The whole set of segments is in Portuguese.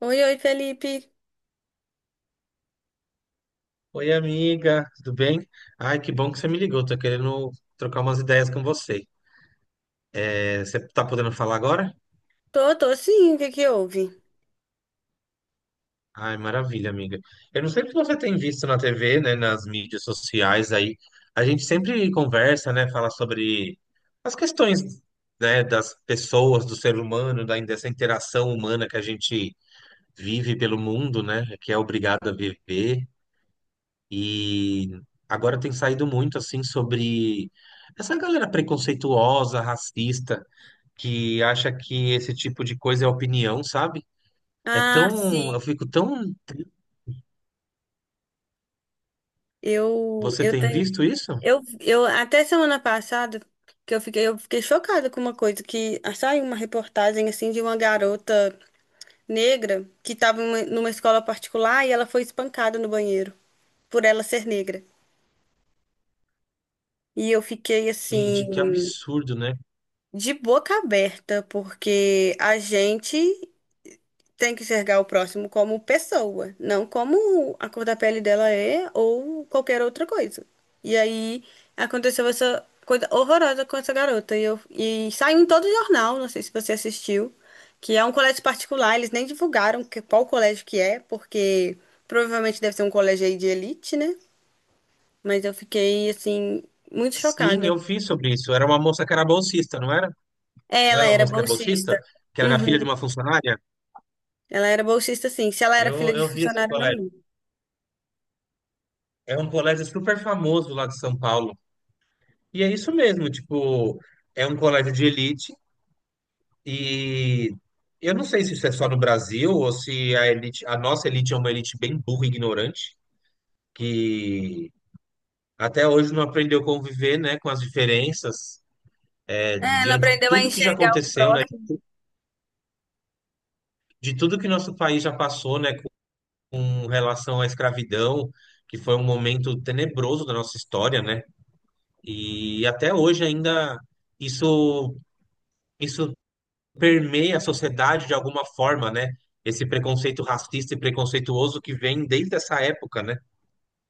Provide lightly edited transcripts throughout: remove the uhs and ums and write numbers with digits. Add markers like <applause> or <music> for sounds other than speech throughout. Oi, oi, Felipe. Oi, amiga, tudo bem? Ai, que bom que você me ligou. Tô querendo trocar umas ideias com você. Você tá podendo falar agora? Tô, tô sim, o que que houve? Ai, maravilha, amiga. Eu não sei se você tem visto na TV, né, nas mídias sociais aí. A gente sempre conversa, né, fala sobre as questões, né, das pessoas, do ser humano, dessa interação humana que a gente vive pelo mundo, né, que é obrigado a viver. E agora tem saído muito assim sobre essa galera preconceituosa, racista, que acha que esse tipo de coisa é opinião, sabe? É Ah, tão, eu sim. fico tão. Eu, Você eu tem tenho, visto isso? eu até semana passada que eu fiquei chocada com uma coisa que saiu uma reportagem assim de uma garota negra que estava numa escola particular e ela foi espancada no banheiro por ela ser negra. E eu fiquei Gente, que assim absurdo, né? de boca aberta, porque a gente tem que enxergar o próximo como pessoa, não como a cor da pele dela é ou qualquer outra coisa. E aí aconteceu essa coisa horrorosa com essa garota. E saiu em todo o jornal, não sei se você assistiu, que é um colégio particular. Eles nem divulgaram qual colégio que é, porque provavelmente deve ser um colégio aí de elite, né? Mas eu fiquei, assim, muito Sim, chocada. eu vi sobre isso. Era uma moça que era bolsista, não era? É, Não ela era uma era moça que é bolsista? bolsista. Que era filha de Uhum. uma funcionária? Ela era bolsista, sim. Se ela era filha Eu de vi esse funcionário, não colégio. lembro. É um colégio super famoso lá de São Paulo. E é isso mesmo, tipo, é um colégio de elite. E eu não sei se isso é só no Brasil ou se a elite, a nossa elite é uma elite bem burra e ignorante, que até hoje não aprendeu a conviver, né, com as diferenças, é, É, não diante de aprendeu a tudo que já enxergar o aconteceu, né, próximo. de tudo que nosso país já passou, né, com relação à escravidão, que foi um momento tenebroso da nossa história, né? E até hoje ainda isso isso permeia a sociedade de alguma forma, né? Esse preconceito racista e preconceituoso que vem desde essa época, né?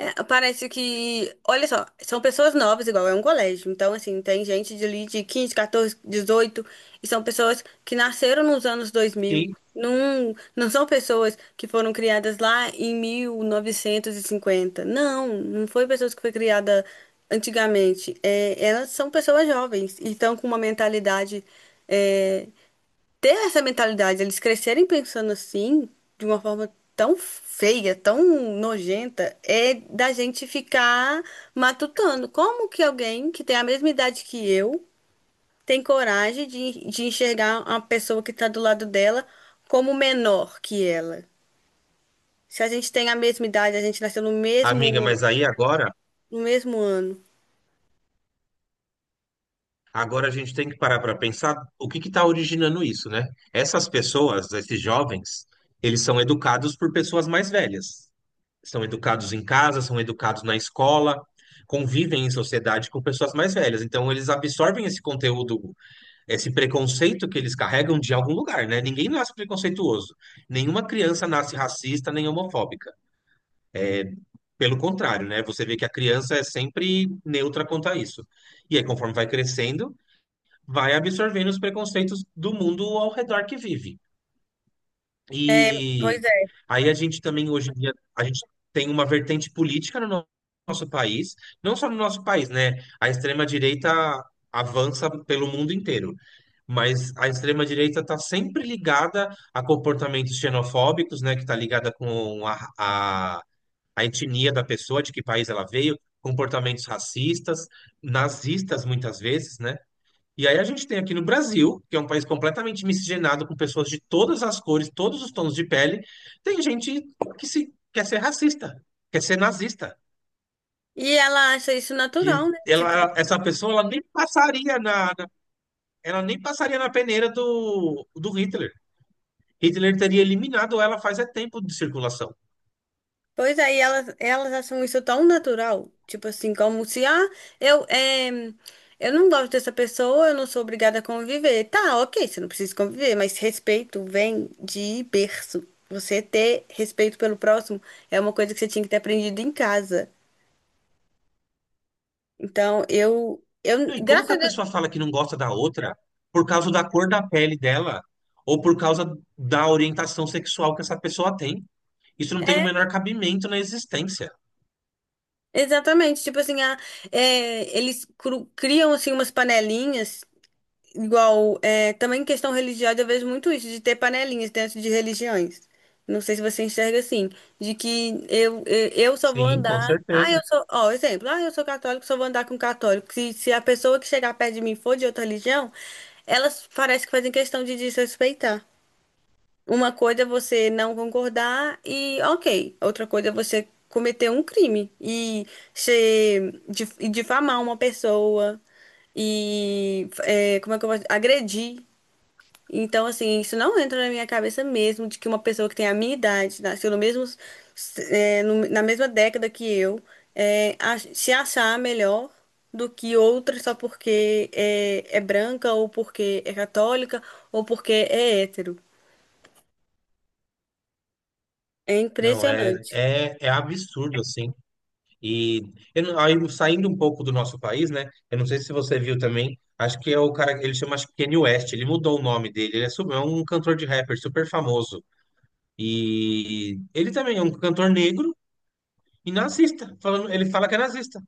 É, parece que, olha só, são pessoas novas, igual é um colégio. Então, assim, tem gente de ali de 15 14, 18, e são pessoas que nasceram nos anos 2000. Sim, Não, não são pessoas que foram criadas lá em 1950. Não, não foi pessoas que foi criada antigamente. É, elas são pessoas jovens e estão com uma mentalidade, é, ter essa mentalidade, eles crescerem pensando assim, de uma forma tão feia, tão nojenta, é da gente ficar matutando. Como que alguém que tem a mesma idade que eu tem coragem de enxergar uma pessoa que está do lado dela como menor que ela? Se a gente tem a mesma idade, a gente nasceu no amiga, mesmo, mas aí agora, no mesmo ano. agora a gente tem que parar para pensar o que está originando isso, né? Essas pessoas, esses jovens, eles são educados por pessoas mais velhas. São educados em casa, são educados na escola, convivem em sociedade com pessoas mais velhas. Então, eles absorvem esse conteúdo, esse preconceito que eles carregam de algum lugar, né? Ninguém nasce preconceituoso. Nenhuma criança nasce racista nem homofóbica. Pelo contrário, né? Você vê que a criança é sempre neutra quanto a isso. E aí, conforme vai crescendo, vai absorvendo os preconceitos do mundo ao redor que vive. É, E pois é. aí a gente também hoje em dia a gente tem uma vertente política no nosso país, não só no nosso país, né? A extrema-direita avança pelo mundo inteiro. Mas a extrema-direita está sempre ligada a comportamentos xenofóbicos, né? Que está ligada com a etnia da pessoa, de que país ela veio, comportamentos racistas, nazistas muitas vezes, né? E aí a gente tem aqui no Brasil, que é um país completamente miscigenado com pessoas de todas as cores, todos os tons de pele, tem gente que se quer ser racista, quer ser nazista, E ela acha isso que natural, né? Tipo... ela, essa pessoa ela nem passaria na ela nem passaria na peneira do Hitler. Hitler teria eliminado ela faz é tempo de circulação. Pois aí elas acham isso tão natural, tipo assim, como se, eu, é, eu não gosto dessa pessoa, eu não sou obrigada a conviver. Tá, ok, você não precisa conviver, mas respeito vem de berço. Você ter respeito pelo próximo é uma coisa que você tinha que ter aprendido em casa. Então, E como graças que a a Deus, pessoa fala que não gosta da outra por causa da cor da pele dela ou por causa da orientação sexual que essa pessoa tem? Isso não tem o é, menor cabimento na existência. exatamente. Tipo assim, eles criam, assim, umas panelinhas. Igual, também em questão religiosa, eu vejo muito isso, de ter panelinhas dentro de religiões. Não sei se você enxerga assim, de que eu só vou Sim, com andar. Ah, certeza. eu sou. Ó, exemplo, ah, eu sou católico, só vou andar com católico. Se a pessoa que chegar perto de mim for de outra religião, elas parecem que fazem questão de desrespeitar. Uma coisa é você não concordar, e ok. Outra coisa é você cometer um crime e difamar uma pessoa. E como é que eu posso agredir. Então, assim, isso não entra na minha cabeça mesmo, de que uma pessoa que tem a minha idade, nasceu no mesmo, é, no- na mesma década que eu. Se achar melhor do que outra só porque é branca, ou porque é católica, ou porque é hétero. É Não, impressionante. É absurdo, assim. E eu não- aí, saindo um pouco do nosso país, né? Eu não sei se você viu também, acho que é o cara, ele chama, acho que Kanye West, ele mudou o nome dele, é um cantor de rapper super famoso. E ele também é um cantor negro e nazista, falando, ele fala que é nazista.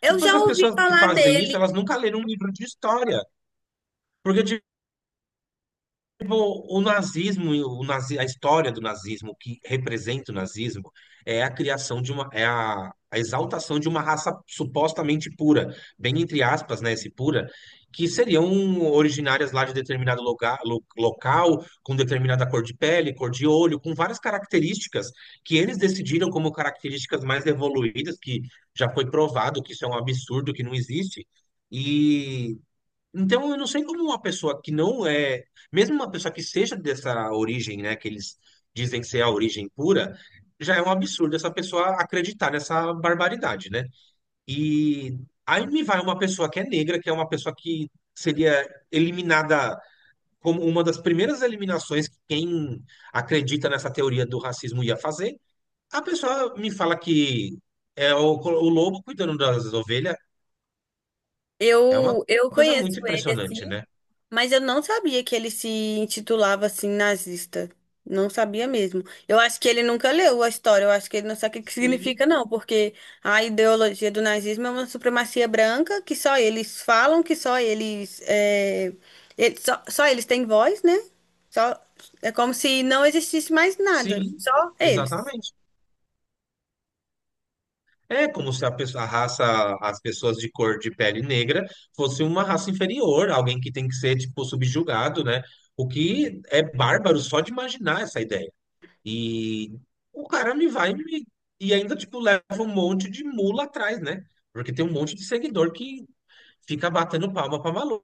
Eu Tipo, já essas ouvi pessoas que falar fazem isso, dele. elas nunca leram um livro de história. Porque, o nazismo, a história do nazismo, o que representa o nazismo, é a criação de uma, é a exaltação de uma raça supostamente pura, bem entre aspas, né, esse pura, que seriam originárias lá de determinado lugar, local, com determinada cor de pele, cor de olho, com várias características que eles decidiram como características mais evoluídas, que já foi provado que isso é um absurdo, que não existe. Então, eu não sei como uma pessoa que não é, mesmo uma pessoa que seja dessa origem, né, que eles dizem ser a origem pura, já é um absurdo essa pessoa acreditar nessa barbaridade, né? E aí me vai uma pessoa que é negra, que é uma pessoa que seria eliminada como uma das primeiras eliminações que quem acredita nessa teoria do racismo ia fazer. A pessoa me fala que é o lobo cuidando das ovelhas, é uma Eu coisa conheço muito ele impressionante, assim, né? mas eu não sabia que ele se intitulava assim nazista. Não sabia mesmo. Eu acho que ele nunca leu a história. Eu acho que ele não sabe o que que significa, Sim. não, porque a ideologia do nazismo é uma supremacia branca, que só eles falam, que só eles, só eles têm voz, né? Só, é como se não existisse mais nada, Sim, só eles. exatamente. É como se a pessoa, a raça, as pessoas de cor de pele negra fosse uma raça inferior, alguém que tem que ser, tipo, subjugado, né? O que é bárbaro só de imaginar essa ideia. E o cara me vai e me, e ainda, tipo, leva um monte de mula atrás, né? Porque tem um monte de seguidor que fica batendo palma pra maluco,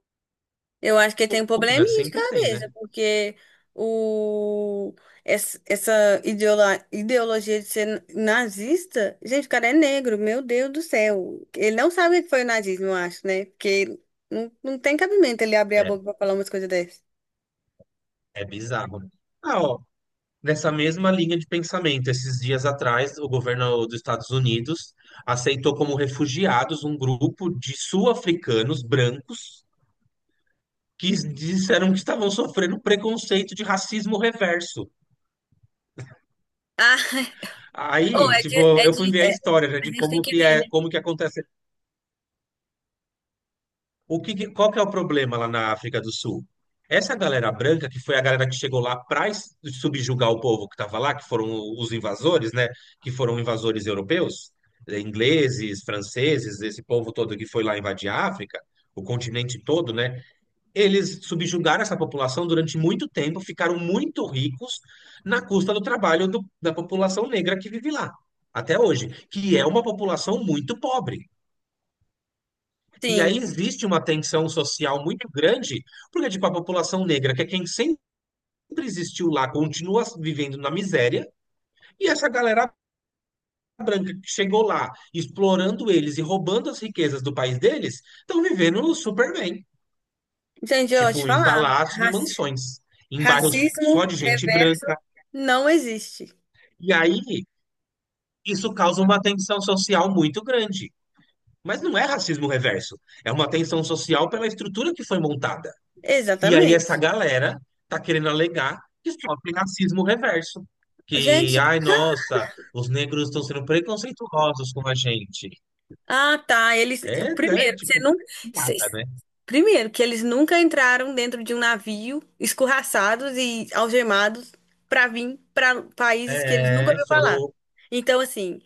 Eu acho que ele tem um né? probleminha de Sempre tem, cabeça, né? porque o, essa ideologia de ser nazista, gente, o cara é negro, meu Deus do céu. Ele não sabe o que foi o nazismo, eu acho, né? Porque não tem cabimento ele abrir a É, boca pra falar umas coisas dessas. é bizarro. Ah, ó, nessa mesma linha de pensamento, esses dias atrás, o governo dos Estados Unidos aceitou como refugiados um grupo de sul-africanos brancos que disseram que estavam sofrendo preconceito de racismo reverso. Ah, <laughs> Ou Aí, é de, tipo, é eu fui de, ver a é- história, né, a de gente tem como que que rir, é, né? como que acontece. O que, qual que é o problema lá na África do Sul? Essa galera branca, que foi a galera que chegou lá para subjugar o povo que estava lá, que foram os invasores, né? Que foram invasores europeus, ingleses, franceses, esse povo todo que foi lá invadir a África, o continente todo, né? Eles subjugaram essa população durante muito tempo, ficaram muito ricos na custa do trabalho da população negra que vive lá, até hoje, que é uma população muito pobre. E aí Sim. existe uma tensão social muito grande, porque tipo, a população negra, que é quem sempre existiu lá, continua vivendo na miséria, e essa galera branca que chegou lá, explorando eles e roubando as riquezas do país deles, estão vivendo super bem, Gente, eu vou te tipo, em falar, palácios e raci- mansões, em bairros só racismo de gente reverso branca. não existe. E aí isso causa uma tensão social muito grande. Mas não é racismo reverso, é uma tensão social pela estrutura que foi montada. E aí essa Exatamente. galera tá querendo alegar que sofre racismo reverso. Que, Gente, ai, nossa, os negros estão sendo preconceituosos com a gente. ah, tá. Eles, É, né? primeiro, que você Tipo, nunca, cê- piada, né? primeiro que eles nunca entraram dentro de um navio, escorraçados e algemados, para vir para países que eles nunca É, ouviram falar. foram Então, assim...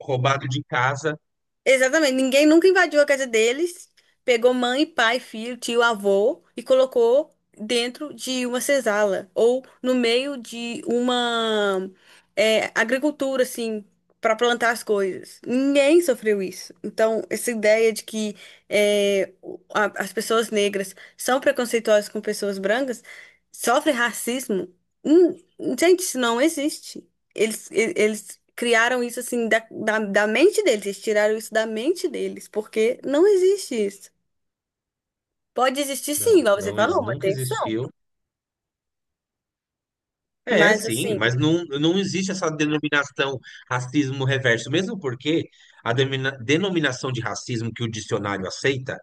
roubados de casa. Exatamente, ninguém nunca invadiu a casa deles, pegou mãe, pai, filho, tio, avô, e colocou dentro de uma senzala, ou no meio de uma, agricultura, assim, para plantar as coisas. Ninguém sofreu isso. Então, essa ideia de que as pessoas negras são preconceituosas com pessoas brancas, sofrem racismo, hum, gente, isso não existe. Eles criaram isso assim da mente deles, eles tiraram isso da mente deles, porque não existe isso. Pode existir sim, igual você falou, uma Nunca tensão. existiu. É, Mas sim, assim, mas não existe essa denominação racismo reverso, mesmo porque a denominação de racismo que o dicionário aceita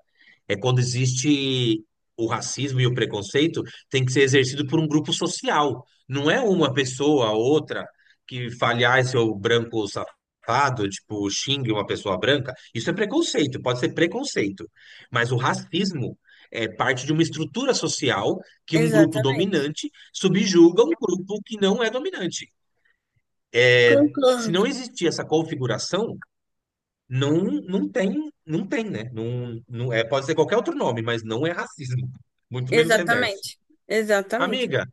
é quando existe o racismo e o preconceito tem que ser exercido por um grupo social, não é uma pessoa ou outra que fale, ah, seu branco safado, tipo, xingue uma pessoa branca. Isso é preconceito, pode ser preconceito, mas o racismo é parte de uma estrutura social que um grupo exatamente. dominante subjuga um grupo que não é dominante. É, se Concordo. não existir essa configuração, não tem, não tem, né? Não é, pode ser qualquer outro nome, mas não é racismo. Muito menos reverso. Exatamente. Exatamente. Amiga,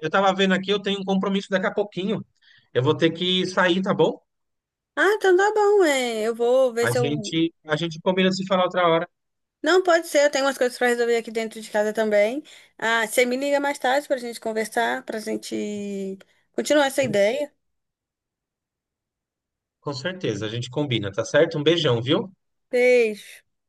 eu tava vendo aqui, eu tenho um compromisso daqui a pouquinho. Eu vou ter que sair, tá bom? Ah, então tá bom, eu vou ver se eu... A gente combina de se falar outra hora. Não, pode ser, eu tenho umas coisas pra resolver aqui dentro de casa também. Ah, você me liga mais tarde pra gente conversar, pra gente continuar essa ideia. Com certeza, a gente combina, tá certo? Um beijão, viu? Beijo.